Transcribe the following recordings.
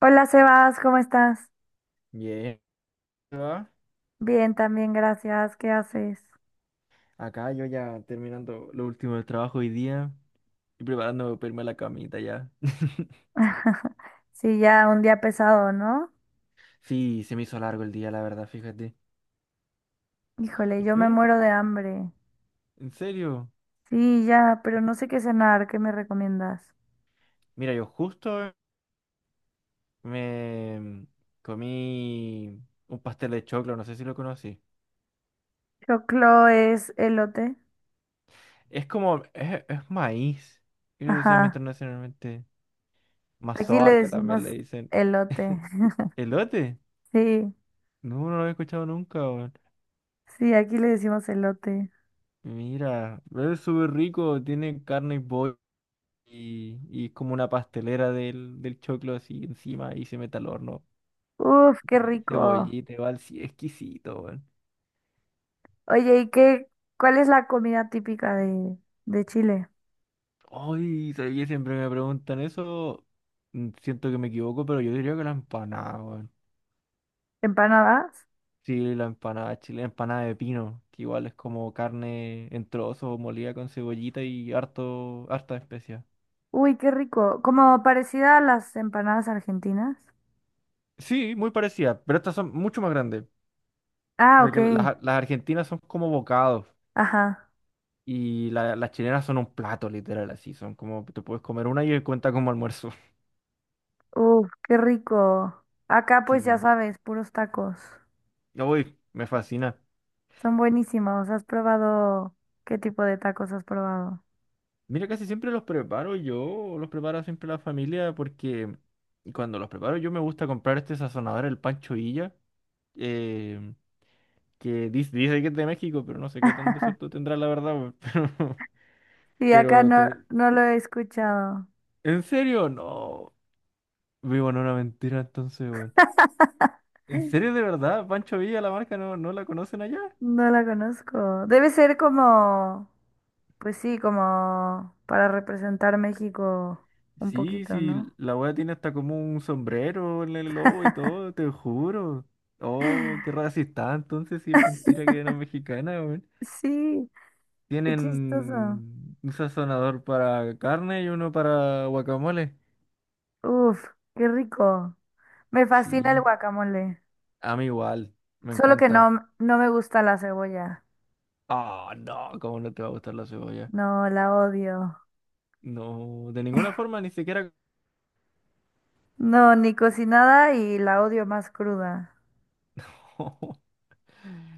Hola Sebas, ¿cómo estás? Bien, ¿va? Bien, también, gracias. ¿Qué haces? Acá yo ya terminando lo último del trabajo hoy día y preparándome para irme a la camita ya. Sí, ya un día pesado, ¿no? Sí, se me hizo largo el día, la verdad, fíjate. Híjole, ¿Y yo me tú? muero de hambre. ¿En serio? Sí, ya, pero no sé qué cenar, ¿qué me recomiendas? Mira, yo justo me comí un pastel de choclo, no sé si lo conocí. Choclo es elote. Es como, es maíz. Ellos decían Ajá, internacionalmente aquí le mazorca también decimos le dicen. elote. ¿Elote? Sí, No, no lo había escuchado nunca, weón. sí, aquí le decimos elote. Mira, pero es súper rico, tiene carne y pollo. Y como una pastelera del choclo así encima y se mete al horno. Uf, qué rico. Cebollita, igual, sí, exquisito, weón. Oye, ¿y qué, cuál es la comida típica de Chile? Ay, sabía que siempre me preguntan eso. Siento que me equivoco, pero yo diría que la empanada, weón. ¿Empanadas? Sí, la empanada chilena, empanada de pino, que igual es como carne en trozos, molida con cebollita y harta especia. Uy, qué rico. Como parecida a las empanadas argentinas. Sí, muy parecida, pero estas son mucho más grandes, Ah, porque ok. las argentinas son como bocados. Ajá. Y las chilenas son un plato, literal, así. Son como, te puedes comer una y cuenta como almuerzo. Uf, qué rico. Acá pues ya Sí. sabes, puros tacos. Ya voy, me fascina. Son buenísimos. ¿Has probado? ¿Qué tipo de tacos has probado? Mira, casi siempre los preparo yo, los prepara siempre la familia, porque cuando los preparo yo me gusta comprar este sazonador, el Pancho Villa, eh, que dice que es de México, pero no sé qué tan de cierto tendrá la verdad, weón. Sí, acá Pero, pero no, te- no lo he escuchado. ¿En serio? No. Vivo en una mentira entonces, weón. ¿En serio de verdad? ¿Pancho Villa, la marca, no la conocen allá? No la conozco. Debe ser como, pues sí, como para representar México un Sí, poquito, sí, ¿no? la wea tiene hasta como un sombrero en el lobo y todo, te juro. Oh, qué racista, entonces sí es mentira que no es mexicana, weón. Sí, qué chistoso. Tienen un sazonador para carne y uno para guacamole. Uf, qué rico. Me fascina el Sí, guacamole, a mí igual, me solo que encanta. no, no me gusta la cebolla. Ah, no, cómo no te va a gustar la cebolla. No, la odio. No, de ninguna forma, ni siquiera. No, ni cocinada y la odio más cruda.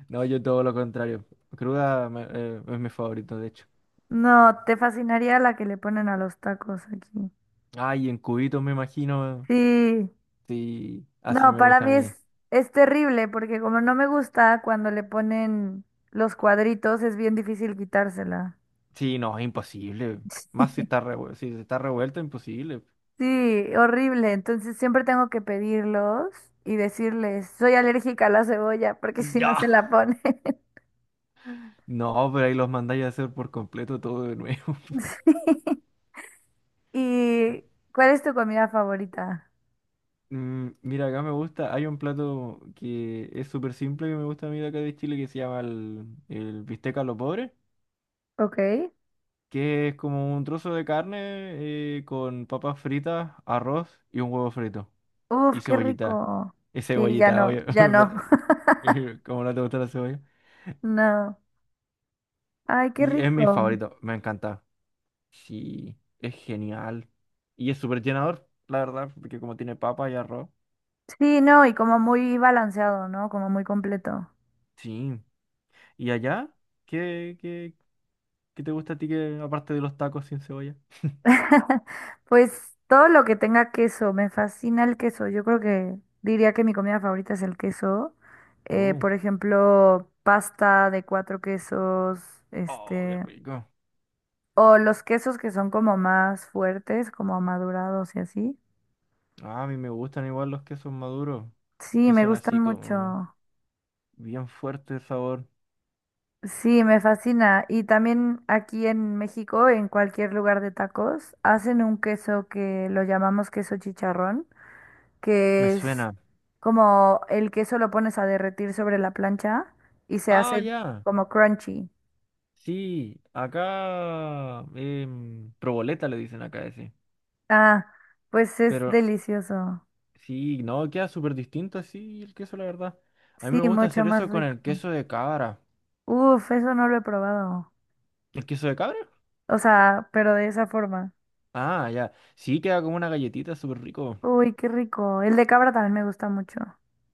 No, yo todo lo contrario. Es mi favorito, de hecho. No, te fascinaría la que le ponen a los tacos aquí. Ay, en cubitos me imagino. Sí, Sí, así no, me para gusta a mí mí. es terrible porque como no me gusta cuando le ponen los cuadritos, es bien difícil quitársela. Sí, no, es imposible. Más si está revuelto, imposible. Sí, horrible. Entonces siempre tengo que pedirlos y decirles, soy alérgica a la cebolla porque si no Ya. se la pone. No, pero ahí los mandáis a hacer por completo todo de nuevo. ¿Y cuál es tu comida favorita? Mm, mira, acá me gusta, hay un plato que es súper simple que me gusta a mí de acá de Chile que se llama el bistec a lo pobre, Ok. que es como un trozo de carne con papas fritas, arroz y un huevo frito. Uf, Y qué cebollita. rico. Y Sí, ya cebollita, no, obvio. ya no, Pero, ¿cómo no te gusta la cebolla? no. Ay, qué Y es mi rico. favorito, me encanta. Sí, es genial. Y es súper llenador, la verdad, porque como tiene papa y arroz. Sí, no, y como muy balanceado, ¿no? Como muy completo. Sí. ¿Y allá? ¿Qué, qué, ¿qué te gusta a ti que aparte de los tacos sin cebolla? Pues todo lo que tenga queso, me fascina el queso. Yo creo que diría que mi comida favorita es el queso. Oh, Por ejemplo, pasta de cuatro quesos, oh, qué este, rico. o los quesos que son como más fuertes, como madurados y así. Ah, a mí me gustan igual los quesos maduros, Sí, que me son gustan así como mucho. bien fuerte el sabor. Sí, me fascina. Y también aquí en México, en cualquier lugar de tacos, hacen un queso que lo llamamos queso chicharrón, Me que es suena. como el queso lo pones a derretir sobre la plancha y se Ah, hace ya. como crunchy. Sí, acá proboleta le dicen acá ese. Ah, pues es Pero delicioso. sí, no, queda súper distinto así el queso, la verdad. A mí me Sí, gusta mucho hacer más eso con rico. el queso de cabra. Uf, eso no lo he probado. ¿El queso de cabra? O sea, pero de esa forma. Ah, ya. Sí, queda como una galletita súper rico. Uy, qué rico. El de cabra también me gusta mucho.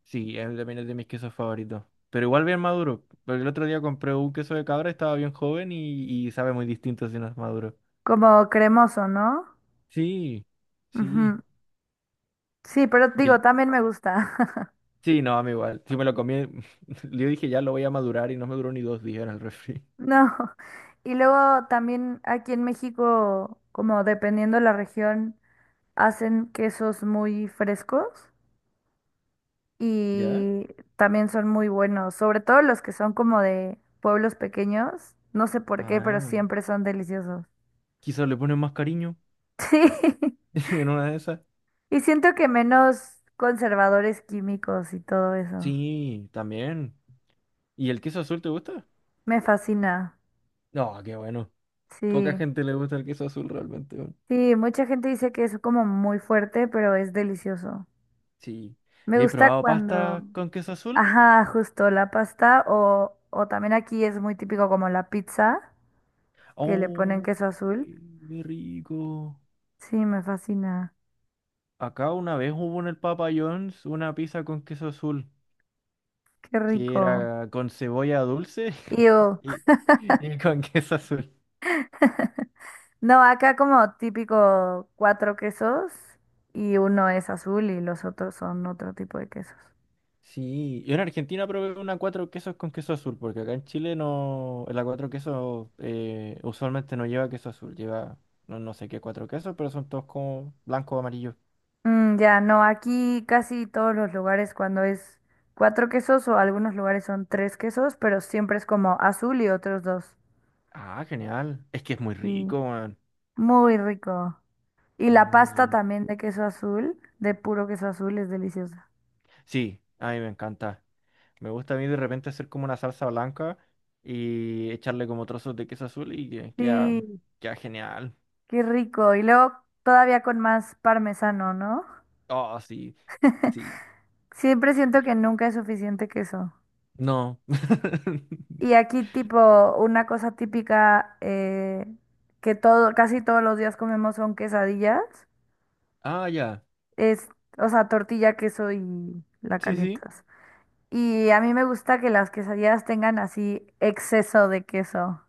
Sí, es también es de mis quesos favoritos. Pero igual bien maduro. Porque el otro día compré un queso de cabra, estaba bien joven y sabe muy distinto si no es maduro. Como cremoso, ¿no? Sí, sí. Ujú. Sí, pero Y digo, el... también me gusta. Sí, no, a mí igual. Si me lo comí, yo dije ya lo voy a madurar y no me duró ni dos días en el refri. No. Y luego también aquí en México, como dependiendo la región, hacen quesos muy frescos ¿Ya? y también son muy buenos, sobre todo los que son como de pueblos pequeños. No sé por qué, pero Ah. siempre son deliciosos. Quizás le ponen más cariño Sí. en una de esas. Y siento que menos conservadores químicos y todo eso. Sí, también. ¿Y el queso azul te gusta? Me fascina. No, qué bueno. Poca Sí. gente le gusta el queso azul realmente, weón. Sí, mucha gente dice que es como muy fuerte, pero es delicioso. Sí. Me ¿Y he gusta probado cuando, pasta con queso azul? ajá, justo la pasta o también aquí es muy típico como la pizza, que le ponen Oh, queso azul. qué qué rico. Sí, me fascina. Acá una vez hubo en el Papa John's una pizza con queso azul, Qué que rico. era con cebolla dulce Ew. y, y con queso azul. No, acá como típico cuatro quesos y uno es azul y los otros son otro tipo de quesos. Sí, yo en Argentina probé una cuatro quesos con queso azul, porque acá en Chile no, la cuatro quesos usualmente no lleva queso azul, lleva no sé qué cuatro quesos, pero son todos como blanco o amarillo. Mm, ya, no, aquí casi todos los lugares cuando es cuatro quesos o algunos lugares son tres quesos, pero siempre es como azul y otros dos. Ah, genial. Es que es muy Sí, rico, man. muy rico. Y Es la muy pasta bueno. también de queso azul, de puro queso azul, es deliciosa. Sí, a mí me encanta. Me gusta a mí de repente hacer como una salsa blanca y echarle como trozos de queso azul y Sí, queda genial. qué rico. Y luego todavía con más parmesano, ¿no? Oh, sí, sí. Siempre siento que nunca es suficiente queso. No. Y aquí tipo una cosa típica que todo, casi todos los días comemos son quesadillas. Ah, ya. Es, o sea, tortilla, queso y la Sí, sí. calientas. Y a mí me gusta que las quesadillas tengan así exceso de queso.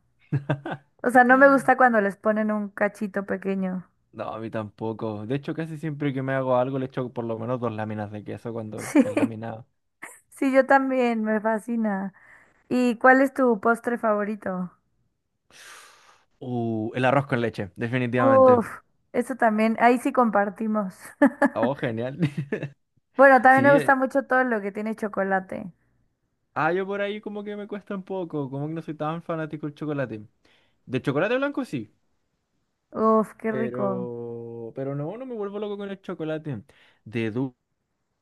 O sea, no me gusta cuando les ponen un cachito pequeño. No, a mí tampoco. De hecho, casi siempre que me hago algo le echo por lo menos dos láminas de queso cuando Sí, es laminado. sí, yo también, me fascina. ¿Y cuál es tu postre favorito? El arroz con leche, definitivamente. Uf, eso también, ahí sí compartimos. Oh, genial. Bueno, también me Sí, gusta mucho todo lo que tiene chocolate. Yo por ahí como que me cuesta un poco, como que no soy tan fanático del chocolate. De chocolate blanco sí, Uf, qué rico. pero no me vuelvo loco con el chocolate. De dulce,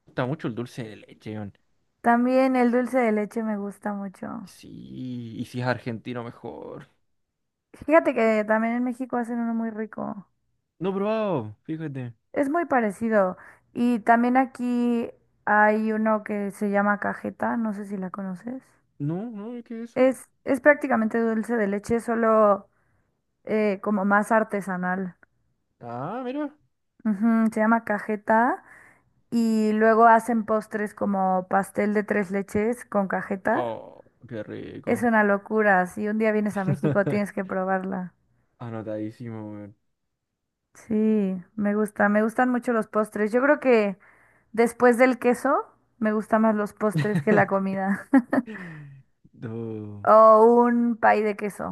gusta mucho el dulce de leche, weón. También el dulce de leche me gusta mucho. Sí, y si es argentino mejor. Fíjate que también en México hacen uno muy rico. No he probado, fíjate. Es muy parecido. Y también aquí hay uno que se llama cajeta, no sé si la conoces. No, ¿qué es eso? Es prácticamente dulce de leche, solo como más artesanal. Ah, mira. Ujú, se llama cajeta y luego hacen postres como pastel de tres leches con cajeta. Oh, qué Es rico. una locura, si un día vienes a México tienes que probarla. Anotadísimo, weón. Sí, me gusta, me gustan mucho los postres. Yo creo que después del queso me gustan más los postres que la comida. Do- O un pay de queso.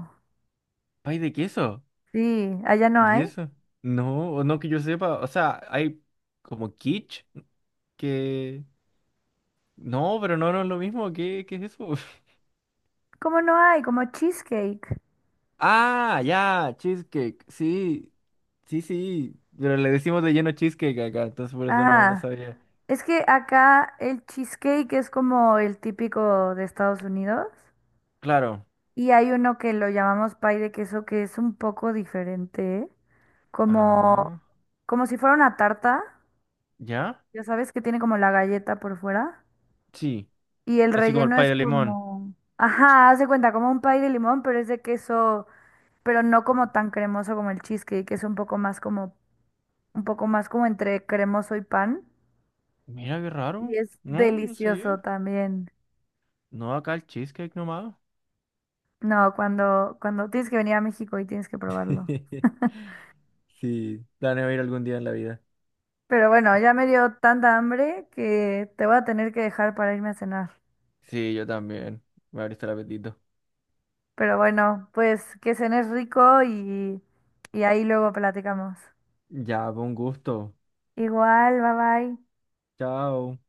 ¿Pay de queso? Sí, allá no ¿Y hay. eso? No, o no que yo sepa. O sea, hay como quiche que... No, pero no, no es lo mismo. ¿Qué es eso? ¿Cómo no hay? Como cheesecake. Ah, ya, cheesecake. Sí, sí, sí. Pero le decimos de lleno cheesecake acá, entonces por eso no Ah, sabía. es que acá el cheesecake es como el típico de Estados Unidos. Claro. Y hay uno que lo llamamos pay de queso que es un poco diferente. Como, Ah, como si fuera una tarta. ¿ya? Ya sabes que tiene como la galleta por fuera. Sí. Y el Así como el relleno pay es de limón. como... Ajá, haz de cuenta, como un pay de limón, pero es de queso pero no como tan cremoso como el cheesecake, que es un poco más como un poco más como entre cremoso y pan. Mira qué raro. Y es No, no sabía. delicioso también. No, acá el cheesecake nomás. No, cuando, cuando tienes que venir a México y tienes que probarlo. Sí, planeo ir algún día en la vida. Pero bueno, ya me dio tanta hambre que te voy a tener que dejar para irme a cenar. Sí, yo también. Me abriste el apetito. Pero bueno, pues que cenes rico y ahí luego platicamos. Ya, con gusto. Igual, bye bye. Chao.